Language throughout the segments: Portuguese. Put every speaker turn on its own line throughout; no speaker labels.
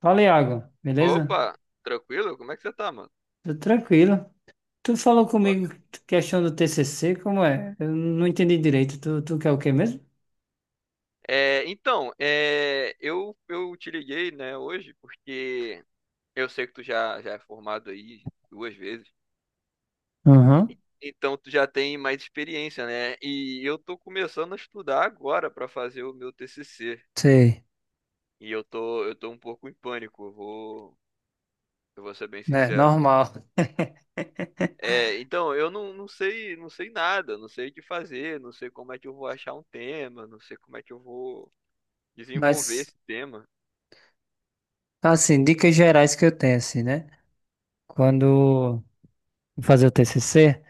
Fala, Iago, beleza?
Opa, tranquilo? Como é que você tá, mano?
Tô tranquilo. Tu falou
Opa.
comigo questão do TCC, como é? Eu não entendi direito. Tu quer o quê mesmo?
É, então, eu te liguei, né, hoje, porque eu sei que tu já é formado aí 2 vezes,
Uhum.
então tu já tem mais experiência, né? E eu tô começando a estudar agora pra fazer o meu TCC,
Sei.
e eu tô um pouco em pânico, eu vou ser bem
Né?
sincero.
Normal.
É, então, eu não sei, não sei nada, não sei o que fazer, não sei como é que eu vou achar um tema, não sei como é que eu vou desenvolver
Mas,
esse tema.
assim, dicas gerais que eu tenho, assim, né? Quando eu fazia o TCC,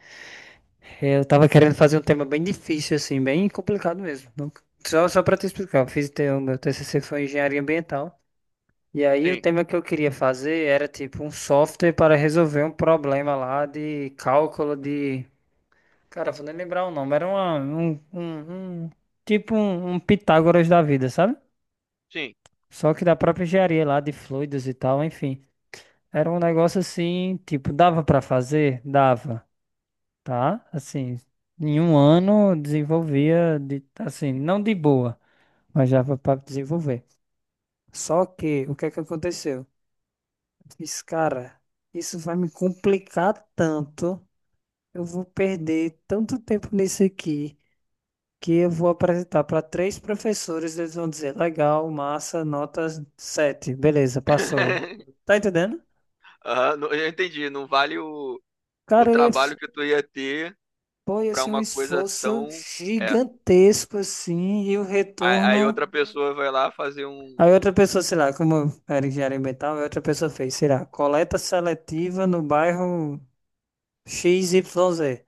eu tava querendo fazer um tema bem difícil, assim, bem complicado mesmo. Só pra te explicar, eu fiz, te- o teu- meu TCC foi engenharia ambiental. E aí o
Sim.
tema que eu queria fazer era tipo um software para resolver um problema lá de cálculo de. Cara, vou nem lembrar o nome. Era uma, um- tipo um, um Pitágoras da vida, sabe?
Sim.
Só que da própria engenharia lá de fluidos e tal, enfim. Era um negócio assim, tipo, dava para fazer? Dava, tá? Assim, em um ano desenvolvia de, assim, não de boa, mas dava para desenvolver. Só que o que é que aconteceu? Disse, cara, isso vai me complicar tanto. Eu vou perder tanto tempo nisso aqui que eu vou apresentar para três professores. Eles vão dizer: legal, massa, notas 7, beleza, passou. Tá entendendo?
Aham, eu entendi. Não vale o
Cara,
trabalho que tu ia ter
pô, ia
pra
ser um
uma coisa
esforço
tão. É.
gigantesco assim e o
Aí
retorno.
outra pessoa vai lá fazer um.
Aí outra pessoa, sei lá, como eu era engenharia ambiental, aí outra pessoa fez, sei lá, coleta seletiva no bairro X Y Z.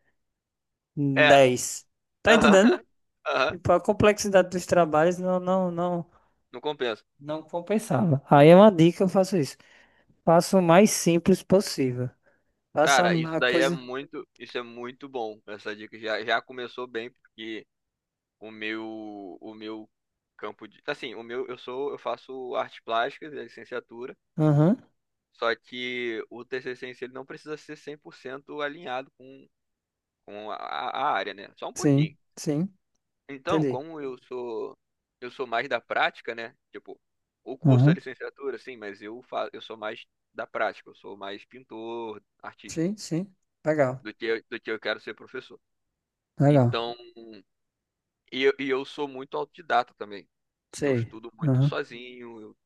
É.
10. Tá
Aham.
entendendo?
Aham.
Tipo, a complexidade dos trabalhos
Não compensa.
não compensava. Aí é uma dica, eu faço isso. Faço o mais simples possível. Faça
Cara, isso
a
daí é
coisa.
muito. Isso é muito bom. Essa dica já começou bem, porque o meu. O meu campo de. Assim, o meu. Eu sou. Eu faço artes plásticas, é licenciatura.
Aham.
Só que o TCC em si, ele não precisa ser 100% alinhado com a área, né? Só um pouquinho.
Sim, sim,
Então,
entendi.
como eu sou mais da prática, né? Tipo, o curso é
Aham.
licenciatura, sim, mas eu sou mais da prática, eu sou mais pintor, artista,
Sim, sim. Legal,
do que eu quero ser professor.
legal.
Então, e eu sou muito autodidata também. Eu
Sei.
estudo muito
Aham.
sozinho, eu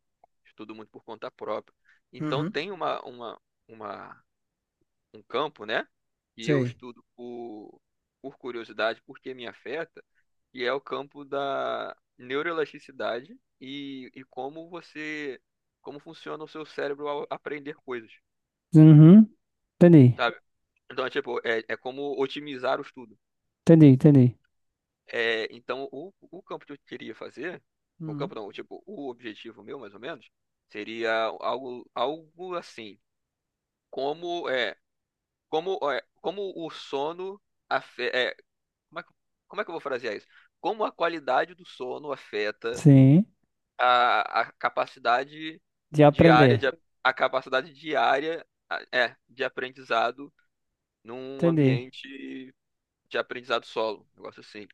estudo muito por conta própria. Então,
Uhum.
tem uma um campo, né? E eu
Sei.
estudo por curiosidade, porque me afeta que é o campo da neuroelasticidade e como funciona o seu cérebro ao aprender coisas,
Uhum. Entendi,
sabe? Então, é tipo, é como otimizar o estudo.
entendi, entendi.
É, então, o campo que eu queria fazer, o
Uhum.
campo não, tipo, o objetivo meu, mais ou menos, seria algo assim, como é, como o sono afeta, como é, que- como é que eu vou frasear isso? Como a qualidade do sono afeta
Sim,
a, a capacidade
de
diária de,
aprender.
a a capacidade diária de aprendizado num
Entendi.
ambiente de aprendizado solo, um negócio assim.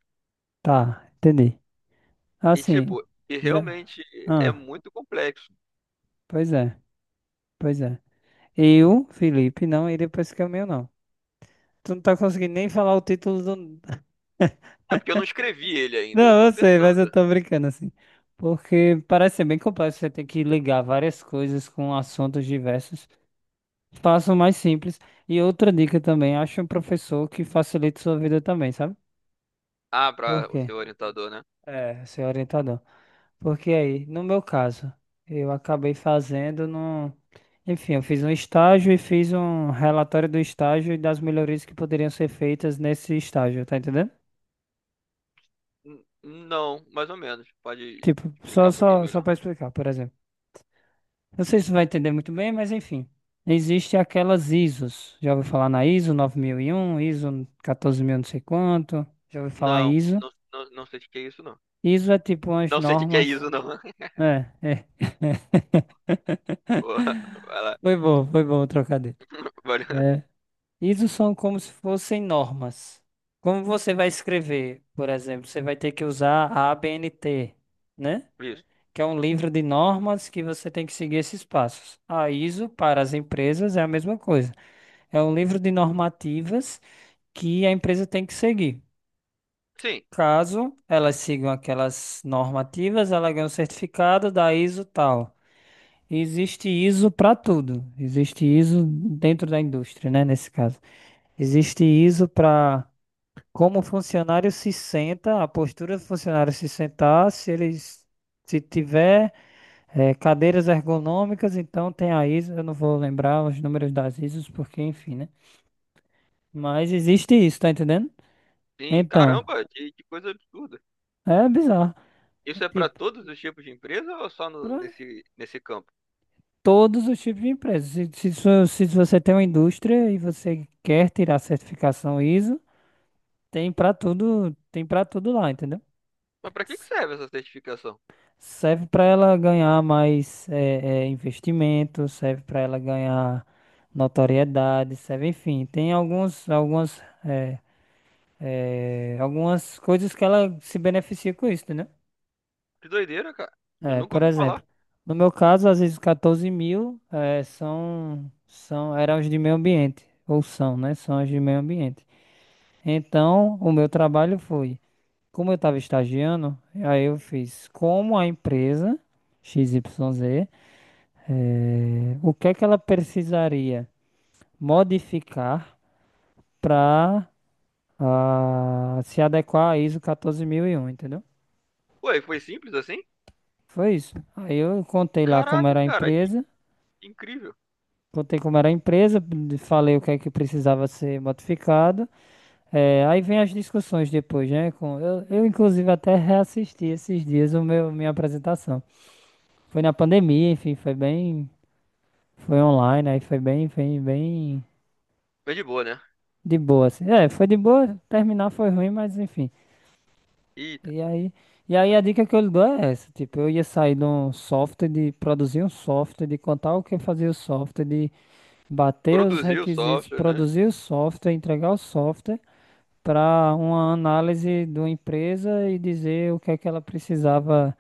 Tá, entendi.
E
Assim,
tipo, e
já.
realmente é
Ah,
muito complexo.
pois é, pois é. Eu, Felipe, não iria pra esse caminho, não. Tu não tá conseguindo nem falar o título do.
É porque eu não escrevi ele ainda, eu
Não,
tô
eu sei, mas eu
pensando.
tô brincando assim. Porque parece ser bem complexo, você tem que ligar várias coisas com assuntos diversos. Faça o mais simples. E outra dica também, acha um professor que facilite sua vida também, sabe?
Ah,
Por
para o
quê?
seu orientador, né?
É, ser orientador. Porque aí, no meu caso, eu acabei fazendo num. Enfim, eu fiz um estágio e fiz um relatório do estágio e das melhorias que poderiam ser feitas nesse estágio, tá entendendo?
Não, mais ou menos. Pode
Tipo,
explicar
só,
um pouquinho
só, só
melhor?
para explicar, por exemplo. Não sei se você vai entender muito bem, mas enfim. Existem aquelas ISOs. Já ouviu falar na ISO 9001, ISO 14000, não sei quanto. Já ouviu falar em
Não,
ISO?
não, não, não sei o que é isso, não.
ISO é tipo umas
Não sei o que é
normas.
isso, não.
É, é.
Pô, vai lá.
Foi bom o trocadilho.
Vai lá.
É. Isso são como se fossem normas. Como você vai escrever, por exemplo, você vai ter que usar a ABNT, né?
Isso.
Que é um livro de normas que você tem que seguir esses passos. A ISO para as empresas é a mesma coisa. É um livro de normativas que a empresa tem que seguir.
Sim,
Caso elas sigam aquelas normativas, ela ganha um certificado da ISO tal. Existe ISO para tudo. Existe ISO dentro da indústria, né? Nesse caso. Existe ISO para como o funcionário se senta, a postura do funcionário se sentar, se eles, se tiver cadeiras ergonômicas, então tem a ISO. Eu não vou lembrar os números das ISOs, porque enfim, né? Mas existe isso, tá entendendo?
sim,
Então,
caramba, que coisa absurda.
é bizarro. É
Isso é para
tipo,
todos os tipos de empresa ou é só
pra
nesse campo?
todos os tipos de empresas. Se você tem uma indústria e você quer tirar a certificação ISO. Tem pra tudo lá, entendeu?
Mas para que que
S-
serve essa certificação?
Serve pra ela ganhar mais investimento, serve pra ela ganhar notoriedade, serve, enfim, tem algumas coisas que ela se beneficia com isso, entendeu?
Que doideira, cara. Eu
É,
nunca
por
ouvi
exemplo,
falar.
no meu caso, às vezes 14 mil eram os de meio ambiente, ou são, né? São os de meio ambiente. Então, o meu trabalho foi, como eu estava estagiando, aí eu fiz como a empresa X XYZ, o que é que ela precisaria modificar para se adequar à ISO 14001, entendeu?
Ué, foi simples assim?
Foi isso. Aí eu contei lá como
Caraca,
era a
cara, que
empresa,
incrível.
contei como era a empresa, falei o que é que precisava ser modificado. Aí vem as discussões depois, né? Inclusive, até reassisti esses dias minha apresentação. Foi na pandemia, enfim, Foi online, aí foi bem, bem, bem
Mas de boa, né?
de boa, assim. É, foi de boa, terminar foi ruim, mas enfim.
Eita,
E aí, e aí, a dica que eu lhe dou é essa, tipo, eu ia sair de um software, de produzir um software, de contar o que fazia o software, de bater os
produziu o
requisitos,
software, né?
produzir o software, entregar o software para uma análise de uma empresa e dizer o que é que ela precisava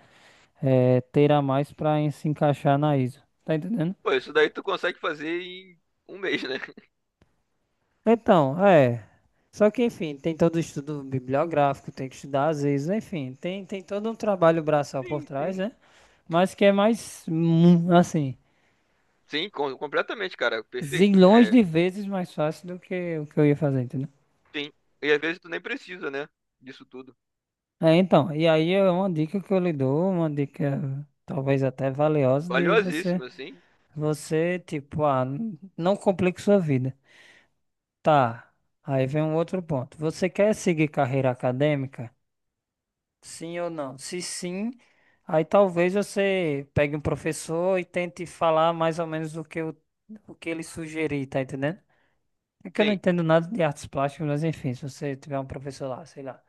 ter a mais para se encaixar na ISO. Tá entendendo?
Pô, isso daí tu consegue fazer em 1 mês, né?
Então, é. Só que, enfim, tem todo o estudo bibliográfico, tem que estudar às vezes, enfim, tem todo um trabalho braçal por
Sim,
trás,
sim.
né? Mas que é mais, assim,
Sim, completamente, cara. Perfeito.
zilhões
É,
de vezes mais fácil do que o que eu ia fazer, entendeu?
sim. E às vezes tu nem precisa, né? Disso tudo.
É, então, e aí é uma dica que eu lhe dou, uma dica talvez até valiosa de
Valiosíssimo, assim.
você, tipo, não complique sua vida. Tá, aí vem um outro ponto. Você quer seguir carreira acadêmica? Sim ou não? Se sim, aí talvez você pegue um professor e tente falar mais ou menos o que ele sugerir, tá entendendo? É que eu não
Sim,
entendo nada de artes plásticas, mas enfim, se você tiver um professor lá, sei lá,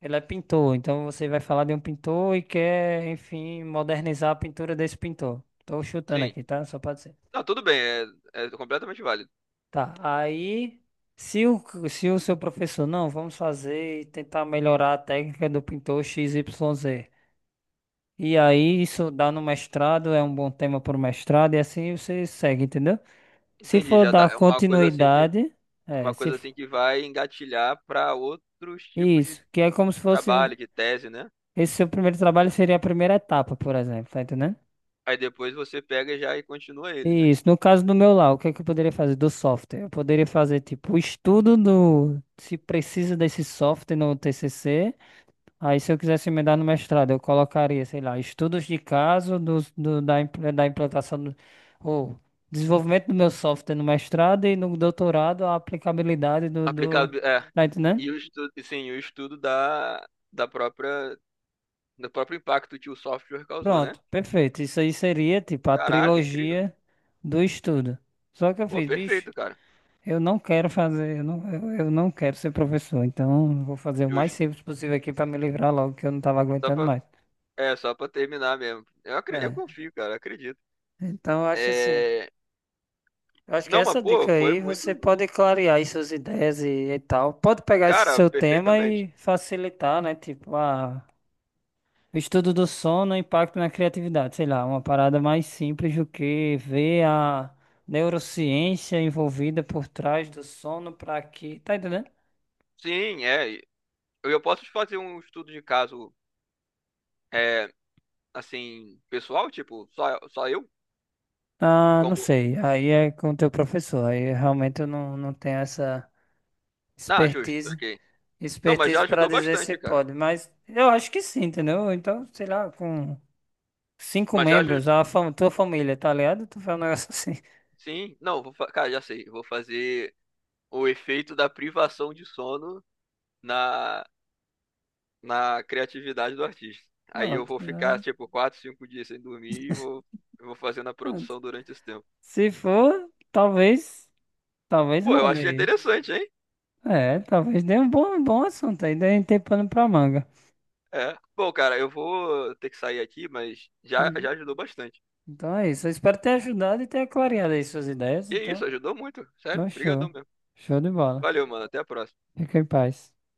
ele é pintor, então você vai falar de um pintor e quer, enfim, modernizar a pintura desse pintor. Tô chutando
sim.
aqui, tá? Só pode ser.
Não, tudo bem, é completamente válido.
Tá, aí, se o, se o seu professor, não, vamos fazer e tentar melhorar a técnica do pintor x XYZ. E aí, isso dá no mestrado, é um bom tema para o mestrado, e assim você segue, entendeu? Se
Entendi,
for
já dá,
dar
é
continuidade, é,
uma
se,
coisa
f-
assim que vai engatilhar para outros tipos de
isso, que é como se fosse,
trabalho, de tese, né?
esse seu primeiro trabalho seria a primeira etapa, por exemplo, tá entendendo?
Aí depois você pega já e continua ele, né?
Isso, no caso do meu lá, o que é que eu poderia fazer do software? Eu poderia fazer, tipo, o estudo do, se precisa desse software no TCC. Aí, se eu quisesse emendar no mestrado, eu colocaria, sei lá, estudos de caso da implantação do, ou desenvolvimento do meu software no mestrado e no doutorado a aplicabilidade
Aplicado, é.
tá entendendo?
E o estudo, sim, o estudo da própria, do próprio impacto que o software causou, né?
Pronto, perfeito. Isso aí seria tipo a
Caraca, incrível.
trilogia do estudo. Só que eu
Pô,
fiz, bicho,
perfeito, cara.
eu não quero fazer, eu não quero ser professor, então eu vou fazer o mais
Justo.
simples possível aqui para me livrar logo que eu não tava
Só
aguentando
pra,
mais.
só pra terminar mesmo. Eu
É,
confio, cara, acredito.
então eu acho assim.
É.
Eu acho que
Não, mas
essa
pô,
dica
foi
aí você
muito.
pode clarear aí suas ideias e tal. Pode pegar esse
Cara,
seu tema
perfeitamente.
e facilitar, né? Tipo, ah, o estudo do sono, impacto na criatividade. Sei lá, uma parada mais simples do que ver a neurociência envolvida por trás do sono para que. Tá entendendo?
Sim, é. Eu posso te fazer um estudo de caso. É, assim, pessoal? Tipo, só eu?
Ah, não
Como.
sei. Aí é com o teu professor. Aí realmente eu não, não tenho essa
Ah, justo,
expertise,
ok. Não, mas já
expertise para
ajudou
dizer se
bastante, cara.
pode. Mas eu acho que sim, entendeu? Então, sei lá, com. Cinco
Mas já.
membros, tua família, tá ligado? Tu faz um negócio assim.
Sim, não, cara, já sei. Vou fazer o efeito da privação de sono na, na criatividade do artista. Aí eu
Pronto,
vou ficar,
né?
tipo, 4, 5 dias sem dormir e eu vou fazendo a
Pronto.
produção durante esse tempo.
Se for, talvez,
Pô, eu
role
achei
aí.
interessante, hein?
É, talvez dê um bom assunto aí, dê tem pano pra manga.
É. Bom, cara, eu vou ter que sair aqui, mas já,
Uhum.
já ajudou bastante.
Então é isso. Eu espero ter ajudado e ter clareado aí suas ideias.
E é isso,
Então,
ajudou muito. Sério, brigadão
show.
mesmo.
Show de bola.
Valeu, mano. Até a próxima.
Fica em paz.